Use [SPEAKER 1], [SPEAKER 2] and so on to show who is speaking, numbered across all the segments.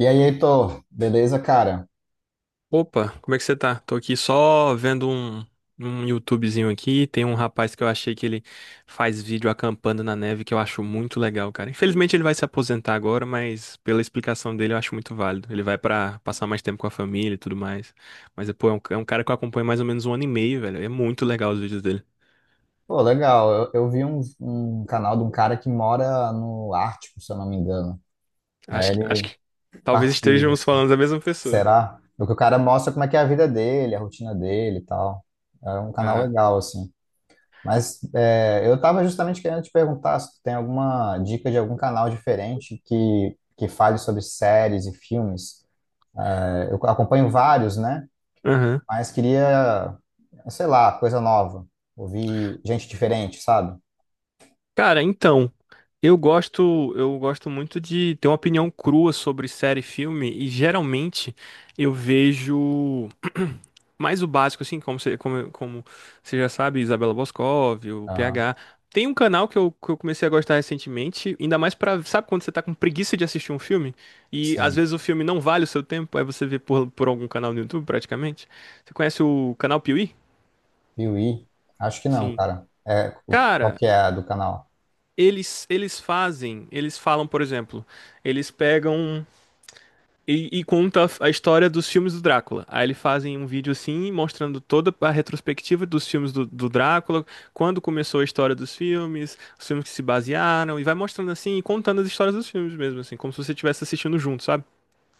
[SPEAKER 1] E aí, Heitor, beleza, cara?
[SPEAKER 2] Opa, como é que você tá? Tô aqui só vendo um YouTubezinho aqui. Tem um rapaz que eu achei que ele faz vídeo acampando na neve que eu acho muito legal, cara. Infelizmente ele vai se aposentar agora, mas pela explicação dele eu acho muito válido. Ele vai pra passar mais tempo com a família e tudo mais. Mas, pô, é um cara que eu acompanho mais ou menos um ano e meio, velho. É muito legal os vídeos dele.
[SPEAKER 1] Pô, legal. Eu vi um canal de um cara que mora no Ártico, se eu não me engano. É,
[SPEAKER 2] Acho que, acho
[SPEAKER 1] ele
[SPEAKER 2] que talvez
[SPEAKER 1] partilha,
[SPEAKER 2] estejamos
[SPEAKER 1] assim.
[SPEAKER 2] falando da mesma pessoa.
[SPEAKER 1] Será? Porque o cara mostra como é que é a vida dele, a rotina dele e tal. É um canal
[SPEAKER 2] Ah.
[SPEAKER 1] legal, assim. Mas é, eu tava justamente querendo te perguntar se tu tem alguma dica de algum canal diferente que fale sobre séries e filmes. É, eu acompanho vários, né?
[SPEAKER 2] Aham.
[SPEAKER 1] Mas queria, sei lá, coisa nova. Ouvir gente diferente, sabe?
[SPEAKER 2] Cara, então. Eu gosto muito de ter uma opinião crua sobre série e filme, e geralmente eu vejo mais o básico, assim, como você, como você já sabe, Isabela Boscov, o
[SPEAKER 1] Aham.
[SPEAKER 2] PH. Tem um canal que eu comecei a gostar recentemente, ainda mais pra, sabe quando você tá com preguiça de assistir um filme? E às
[SPEAKER 1] Sim.
[SPEAKER 2] vezes o filme não vale o seu tempo, aí você vê por algum canal no YouTube, praticamente. Você conhece o canal Piuí?
[SPEAKER 1] Piuí? Acho que não,
[SPEAKER 2] Sim.
[SPEAKER 1] cara. Qual
[SPEAKER 2] Cara,
[SPEAKER 1] que é a do canal?
[SPEAKER 2] eles fazem, eles falam, por exemplo, eles pegam. E conta a história dos filmes do Drácula. Aí eles fazem um vídeo assim, mostrando toda a retrospectiva dos filmes do, do Drácula, quando começou a história dos filmes, os filmes que se basearam, e vai mostrando assim, e contando as histórias dos filmes mesmo, assim, como se você estivesse assistindo junto, sabe?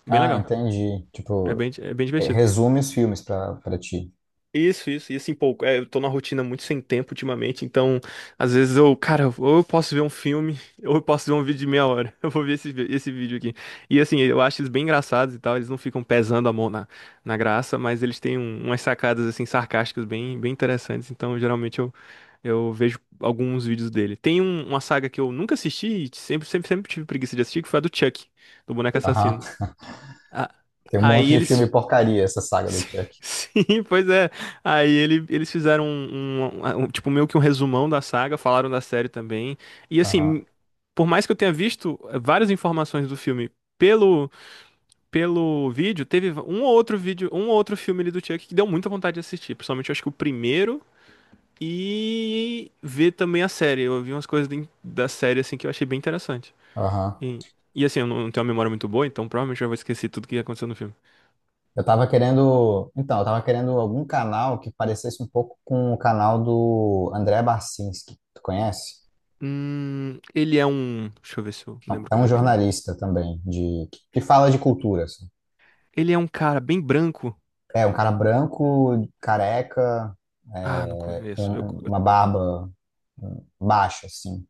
[SPEAKER 2] Bem
[SPEAKER 1] Ah,
[SPEAKER 2] legal.
[SPEAKER 1] entendi. Tipo,
[SPEAKER 2] É bem
[SPEAKER 1] é,
[SPEAKER 2] divertido.
[SPEAKER 1] resume os filmes pra, pra ti.
[SPEAKER 2] Isso, isso. E assim, pô, é, eu tô numa rotina muito sem tempo ultimamente, então às vezes eu, cara, ou eu posso ver um filme, ou eu posso ver um vídeo de meia hora. Eu vou ver esse, esse vídeo aqui. E assim, eu acho eles bem engraçados e tal, eles não ficam pesando a mão na graça, mas eles têm umas sacadas assim sarcásticas bem, bem interessantes, então geralmente eu vejo alguns vídeos dele. Tem uma saga que eu nunca assisti e sempre tive preguiça de assistir, que foi a do Chuck, do boneco
[SPEAKER 1] Aham.
[SPEAKER 2] assassino. A-
[SPEAKER 1] Tem um
[SPEAKER 2] Aí
[SPEAKER 1] monte de filme
[SPEAKER 2] eles.
[SPEAKER 1] porcaria essa saga do
[SPEAKER 2] Sim,
[SPEAKER 1] Chuck.
[SPEAKER 2] sim, pois é. Aí ele, eles fizeram tipo, meio que um resumão da saga, falaram da série também. E
[SPEAKER 1] Aham,
[SPEAKER 2] assim, por mais que eu tenha visto várias informações do filme pelo, pelo vídeo, teve um ou outro vídeo, um ou outro filme ali do Chuck que deu muita vontade de assistir. Principalmente, eu acho que o primeiro e ver também a série. Eu vi umas coisas da série assim que eu achei bem interessante.
[SPEAKER 1] aham.
[SPEAKER 2] E, e assim, eu não, não tenho uma memória muito boa, então provavelmente eu vou esquecer tudo que aconteceu no filme.
[SPEAKER 1] Eu tava querendo. Então, eu tava querendo algum canal que parecesse um pouco com o canal do André Barcinski. Tu conhece?
[SPEAKER 2] Ele é um. Deixa eu ver se eu lembro
[SPEAKER 1] É
[SPEAKER 2] como
[SPEAKER 1] um
[SPEAKER 2] é que ele é.
[SPEAKER 1] jornalista também, que fala de cultura, assim.
[SPEAKER 2] Ele é um cara bem branco.
[SPEAKER 1] É, um cara branco, careca,
[SPEAKER 2] Ah, não
[SPEAKER 1] é, com
[SPEAKER 2] conheço. Eu
[SPEAKER 1] uma barba baixa assim,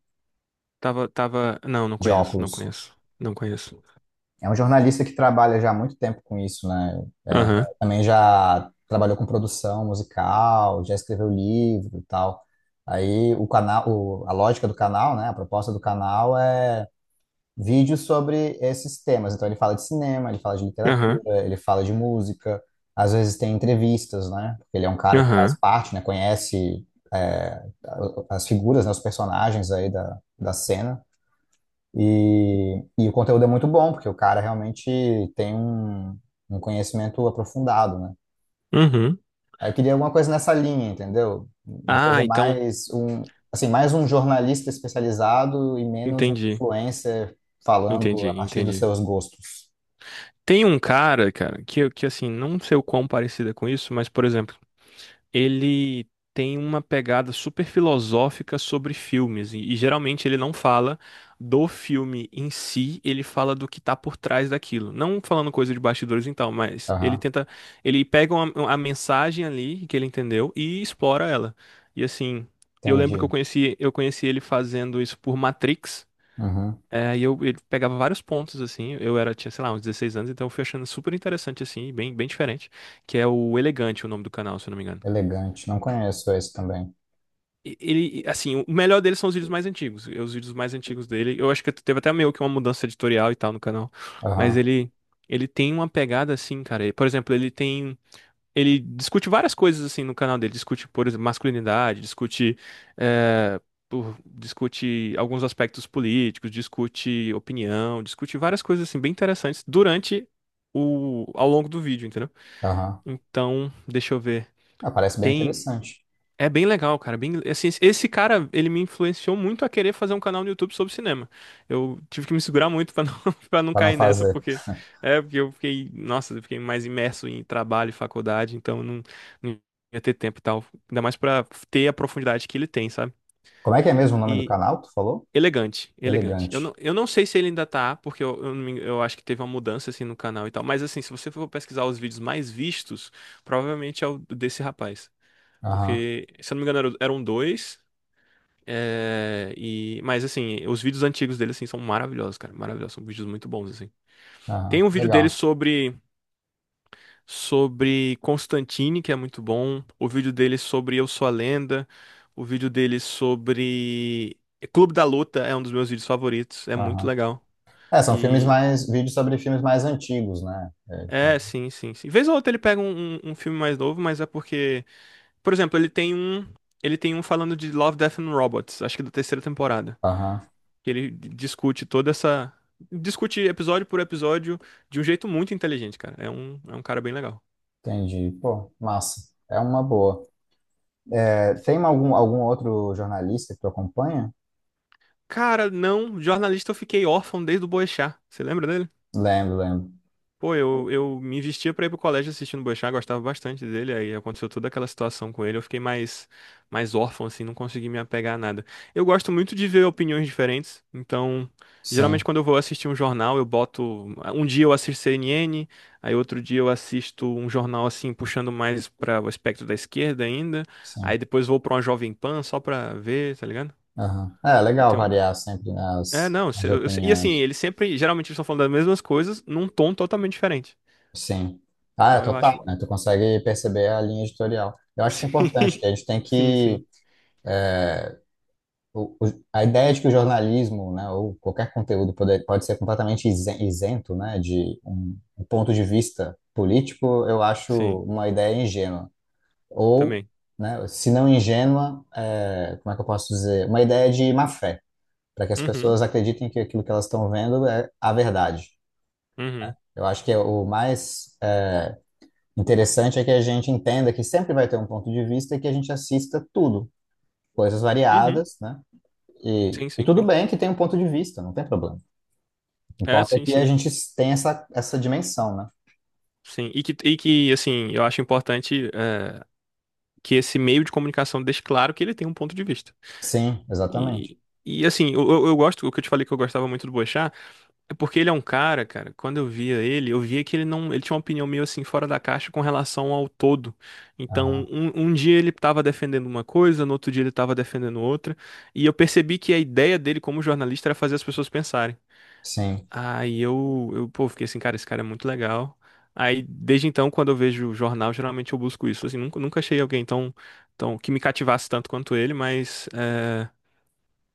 [SPEAKER 2] tava. Não, não
[SPEAKER 1] de
[SPEAKER 2] conheço, não
[SPEAKER 1] óculos.
[SPEAKER 2] conheço. Não conheço.
[SPEAKER 1] É um jornalista que trabalha já há muito tempo com isso, né? É,
[SPEAKER 2] Aham,
[SPEAKER 1] também já trabalhou com produção musical, já escreveu livro e tal. Aí o canal, a lógica do canal, né? A proposta do canal é vídeos sobre esses temas. Então ele fala de cinema, ele fala de
[SPEAKER 2] aham,
[SPEAKER 1] literatura, ele fala de música. Às vezes tem entrevistas, né? Porque ele é um cara que faz
[SPEAKER 2] aham,
[SPEAKER 1] parte, né? Conhece é, as figuras, né? Os personagens aí da cena. E o conteúdo é muito bom, porque o cara realmente tem um conhecimento aprofundado, né?
[SPEAKER 2] uhum.
[SPEAKER 1] Aí eu queria alguma coisa nessa linha, entendeu? Uma coisa
[SPEAKER 2] Ah, então.
[SPEAKER 1] mais um, assim, mais um jornalista especializado e menos um
[SPEAKER 2] Entendi,
[SPEAKER 1] influencer falando
[SPEAKER 2] entendi,
[SPEAKER 1] a partir dos
[SPEAKER 2] entendi.
[SPEAKER 1] seus gostos.
[SPEAKER 2] Tem um cara, cara, que assim, não sei o quão parecida com isso, mas, por exemplo. Ele tem uma pegada super filosófica sobre filmes, e geralmente ele não fala do filme em si, ele fala do que tá por trás daquilo. Não falando coisa de bastidores e tal, mas ele
[SPEAKER 1] Aham,
[SPEAKER 2] tenta, ele pega a mensagem ali que ele entendeu e explora ela. E assim, eu lembro que
[SPEAKER 1] entendi.
[SPEAKER 2] eu conheci ele fazendo isso por Matrix.
[SPEAKER 1] Uhum,
[SPEAKER 2] É, e eu, ele pegava vários pontos, assim, eu era, tinha, sei lá, uns 16 anos, então eu fui achando super interessante, assim, e bem, bem diferente, que é o Elegante, o nome do canal, se eu não me engano.
[SPEAKER 1] elegante. Não conheço esse também.
[SPEAKER 2] Ele, assim, o melhor dele são os vídeos mais antigos. Os vídeos mais antigos dele. Eu acho que teve até meio que uma mudança editorial e tal no canal. Mas
[SPEAKER 1] Aham,
[SPEAKER 2] ele tem uma pegada assim, cara. Por exemplo, ele tem. Ele discute várias coisas assim no canal dele. Discute, por exemplo, masculinidade, discute. eh, discute alguns aspectos políticos, discute opinião, discute várias coisas assim bem interessantes durante ao longo do vídeo, entendeu?
[SPEAKER 1] aham.
[SPEAKER 2] Então, deixa eu ver.
[SPEAKER 1] Ah, parece bem
[SPEAKER 2] Tem.
[SPEAKER 1] interessante.
[SPEAKER 2] É bem legal, cara. Bem, assim, esse cara, ele me influenciou muito a querer fazer um canal no YouTube sobre cinema. Eu tive que me segurar muito pra não, para não
[SPEAKER 1] Para não
[SPEAKER 2] cair nessa,
[SPEAKER 1] fazer.
[SPEAKER 2] porque é porque eu fiquei, nossa, eu fiquei mais imerso em trabalho e faculdade, então eu não, não ia ter tempo e tal. Ainda mais pra ter a profundidade que ele tem, sabe?
[SPEAKER 1] Como é que é mesmo o nome do
[SPEAKER 2] E
[SPEAKER 1] canal? Que tu falou?
[SPEAKER 2] elegante.
[SPEAKER 1] Elegante.
[SPEAKER 2] Eu não sei se ele ainda tá, porque eu, não me- eu acho que teve uma mudança assim no canal e tal, mas assim, se você for pesquisar os vídeos mais vistos, provavelmente é o desse rapaz.
[SPEAKER 1] Aham,
[SPEAKER 2] Porque, se eu não me engano, eram dois. É, e, mas assim, os vídeos antigos dele assim são maravilhosos, cara, maravilhosos, são vídeos muito bons assim. Tem
[SPEAKER 1] aham.
[SPEAKER 2] um vídeo dele
[SPEAKER 1] Legal.
[SPEAKER 2] sobre sobre Constantine, que é muito bom, o vídeo dele sobre Eu Sou a Lenda, o vídeo dele sobre Clube da Luta é um dos meus vídeos favoritos, é muito
[SPEAKER 1] Aham.
[SPEAKER 2] legal.
[SPEAKER 1] É, são filmes
[SPEAKER 2] E
[SPEAKER 1] mais, vídeos sobre filmes mais antigos, né? É, então,
[SPEAKER 2] é, sim. Vez ou outra ele pega um, um filme mais novo, mas é porque, por exemplo, ele tem um falando de Love, Death and Robots, acho que da terceira temporada.
[SPEAKER 1] aham,
[SPEAKER 2] Que ele discute toda essa. Discute episódio por episódio de um jeito muito inteligente, cara. É um cara bem legal.
[SPEAKER 1] entendi. Pô, massa. É uma boa. É,
[SPEAKER 2] Se-
[SPEAKER 1] tem algum, algum outro jornalista que tu acompanha?
[SPEAKER 2] Cara, não, jornalista eu fiquei órfão desde o Boechat. Você lembra dele?
[SPEAKER 1] Lembro, lembro.
[SPEAKER 2] Pô, eu me investia pra ir pro colégio assistindo o Boechat, gostava bastante dele, aí aconteceu toda aquela situação com ele, eu fiquei mais, mais órfão, assim, não consegui me apegar a nada. Eu gosto muito de ver opiniões diferentes, então, geralmente
[SPEAKER 1] Sim,
[SPEAKER 2] quando eu vou assistir um jornal, eu boto... Um dia eu assisto CNN, aí outro dia eu assisto um jornal, assim, puxando mais pra o espectro da esquerda ainda,
[SPEAKER 1] sim.
[SPEAKER 2] aí depois vou pra uma Jovem Pan só pra ver, tá ligado?
[SPEAKER 1] Aham. É
[SPEAKER 2] Eu
[SPEAKER 1] legal
[SPEAKER 2] tenho...
[SPEAKER 1] variar sempre
[SPEAKER 2] É,
[SPEAKER 1] nas,
[SPEAKER 2] não,
[SPEAKER 1] nas
[SPEAKER 2] e assim,
[SPEAKER 1] opiniões.
[SPEAKER 2] eles sempre, geralmente eles estão falando das mesmas coisas num tom totalmente diferente.
[SPEAKER 1] Sim. Ah, é
[SPEAKER 2] Então eu acho.
[SPEAKER 1] total, né? Tu consegue perceber a linha editorial. Eu acho isso
[SPEAKER 2] Sim,
[SPEAKER 1] importante, que a gente tem
[SPEAKER 2] sim,
[SPEAKER 1] que
[SPEAKER 2] sim,
[SPEAKER 1] o- o- a ideia de que o jornalismo, né, ou qualquer conteúdo pode ser completamente isento, né, de um ponto de vista político, eu acho
[SPEAKER 2] sim,
[SPEAKER 1] uma ideia ingênua. Ou,
[SPEAKER 2] também.
[SPEAKER 1] né, se não ingênua, é, como é que eu posso dizer? Uma ideia de má fé, para que as
[SPEAKER 2] Uhum,
[SPEAKER 1] pessoas acreditem que aquilo que elas estão vendo é a verdade.
[SPEAKER 2] uhum,
[SPEAKER 1] Eu acho que é o mais é, interessante é que a gente entenda que sempre vai ter um ponto de vista e que a gente assista tudo, coisas
[SPEAKER 2] uhum.
[SPEAKER 1] variadas, né? E,
[SPEAKER 2] Sim,
[SPEAKER 1] e
[SPEAKER 2] sim,
[SPEAKER 1] tudo
[SPEAKER 2] sim.
[SPEAKER 1] bem que tem um ponto de vista, não tem problema.
[SPEAKER 2] É,
[SPEAKER 1] Importa é
[SPEAKER 2] sim,
[SPEAKER 1] que a
[SPEAKER 2] sim.
[SPEAKER 1] gente tenha essa, essa dimensão, né?
[SPEAKER 2] Sim, e que assim, eu acho importante é, que esse meio de comunicação deixe claro que ele tem um ponto de vista.
[SPEAKER 1] Sim, exatamente.
[SPEAKER 2] E, e assim, eu, eu gosto, o que eu te falei que eu gostava muito do Boechat, é porque ele é um cara, cara, quando eu via ele, eu via que ele não, ele tinha uma opinião meio assim fora da caixa com relação ao todo. Então,
[SPEAKER 1] Aham.
[SPEAKER 2] um dia ele estava defendendo uma coisa, no outro dia ele estava defendendo outra, e eu percebi que a ideia dele como jornalista era fazer as pessoas pensarem.
[SPEAKER 1] Sim.
[SPEAKER 2] Aí eu, pô, fiquei assim, cara, esse cara é muito legal. Aí, desde então, quando eu vejo jornal, geralmente eu busco isso. Assim, nunca achei alguém tão, tão, que me cativasse tanto quanto ele, mas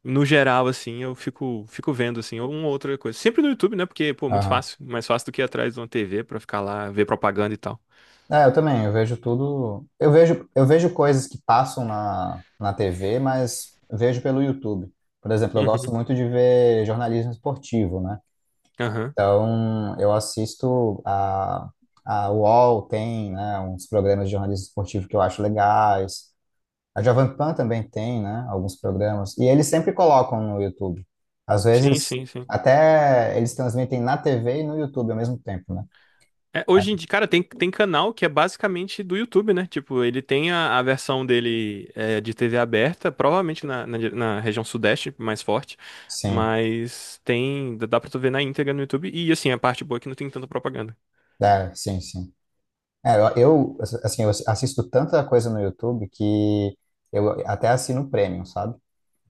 [SPEAKER 2] no geral, assim, eu fico, fico vendo, assim, uma ou outra coisa. Sempre no YouTube, né? Porque, pô, muito
[SPEAKER 1] Aham.
[SPEAKER 2] fácil. Mais fácil do que ir atrás de uma TV pra ficar lá, ver propaganda e tal.
[SPEAKER 1] É, eu também, eu vejo tudo. Eu vejo coisas que passam na, na TV, mas vejo pelo YouTube. Por exemplo, eu gosto
[SPEAKER 2] Uhum.
[SPEAKER 1] muito de ver jornalismo esportivo, né?
[SPEAKER 2] Aham.
[SPEAKER 1] Então, eu assisto a UOL, tem, né, uns programas de jornalismo esportivo que eu acho legais. A Jovem Pan também tem, né, alguns programas. E eles sempre colocam no YouTube. Às
[SPEAKER 2] Sim,
[SPEAKER 1] vezes,
[SPEAKER 2] sim, sim.
[SPEAKER 1] até eles transmitem na TV e no YouTube ao mesmo tempo, né?
[SPEAKER 2] É, hoje em dia, cara, tem, tem canal que é basicamente do YouTube, né? Tipo, ele tem a versão dele é, de TV aberta, provavelmente na, na região sudeste, mais forte.
[SPEAKER 1] Sim,
[SPEAKER 2] Mas tem, dá pra tu ver na íntegra no YouTube. E, assim, a parte boa é que não tem tanta propaganda.
[SPEAKER 1] é, sim, sim. É, assim, eu assisto tanta coisa no YouTube que eu até assino o Premium, sabe?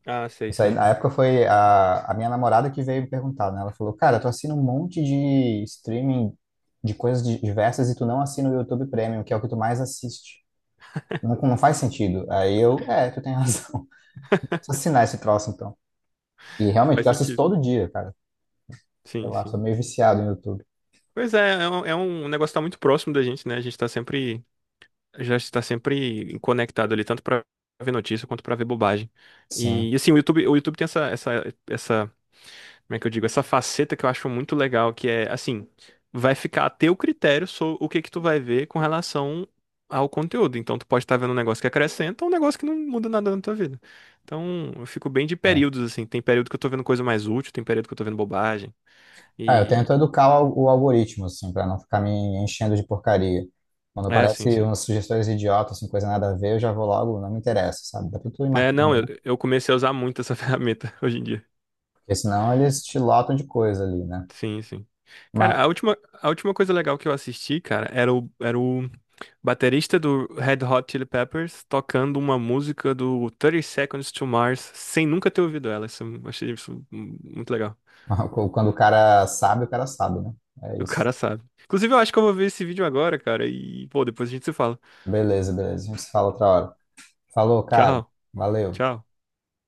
[SPEAKER 2] Ah, sei,
[SPEAKER 1] Isso aí,
[SPEAKER 2] sei.
[SPEAKER 1] na época foi a minha namorada que veio me perguntar, né? Ela falou, cara, tu assina um monte de streaming de coisas diversas e tu não assina o YouTube Premium, que é o que tu mais assiste. Não, não faz sentido. Aí eu, é, tu tem razão. Preciso assinar esse troço, então. E realmente,
[SPEAKER 2] Faz
[SPEAKER 1] eu assisto
[SPEAKER 2] sentido.
[SPEAKER 1] todo dia, cara. Sei
[SPEAKER 2] Sim,
[SPEAKER 1] lá, sou
[SPEAKER 2] sim.
[SPEAKER 1] meio viciado no YouTube.
[SPEAKER 2] Pois é, é um negócio que tá muito próximo da gente, né? A gente tá sempre, já está sempre conectado ali, tanto pra ver notícia quanto pra ver bobagem.
[SPEAKER 1] Sim,
[SPEAKER 2] E, assim, o YouTube tem essa, essa, essa, como é que eu digo? Essa faceta que eu acho muito legal, que é, assim, vai ficar a teu critério sobre o que que tu vai ver com relação ao conteúdo. Então, tu pode estar vendo um negócio que acrescenta ou um negócio que não muda nada na tua vida. Então, eu fico bem de
[SPEAKER 1] é.
[SPEAKER 2] períodos, assim. Tem período que eu tô vendo coisa mais útil, tem período que eu tô vendo bobagem.
[SPEAKER 1] Ah, eu tento
[SPEAKER 2] E,
[SPEAKER 1] educar o algoritmo, assim, pra não ficar me enchendo de porcaria. Quando
[SPEAKER 2] é, assim,
[SPEAKER 1] aparece
[SPEAKER 2] sim.
[SPEAKER 1] umas sugestões idiotas, assim, coisa nada a ver, eu já vou logo, não me interessa, sabe? Dá pra tu ir
[SPEAKER 2] É, não,
[SPEAKER 1] marcando, né?
[SPEAKER 2] eu comecei a usar muito essa ferramenta hoje em dia.
[SPEAKER 1] Porque senão eles te lotam de coisa ali, né?
[SPEAKER 2] Sim, sim. Cara,
[SPEAKER 1] Mas
[SPEAKER 2] a última coisa legal que eu assisti, cara, era o, era o baterista do Red Hot Chili Peppers tocando uma música do 30 Seconds to Mars sem nunca ter ouvido ela. Isso, eu achei isso muito legal.
[SPEAKER 1] quando o cara sabe, né? É
[SPEAKER 2] O
[SPEAKER 1] isso.
[SPEAKER 2] cara sabe. Inclusive, eu acho que eu vou ver esse vídeo agora, cara, e, pô, depois a gente se fala.
[SPEAKER 1] Beleza, beleza. A gente se fala outra hora. Falou, cara.
[SPEAKER 2] Tchau,
[SPEAKER 1] Valeu.
[SPEAKER 2] tchau.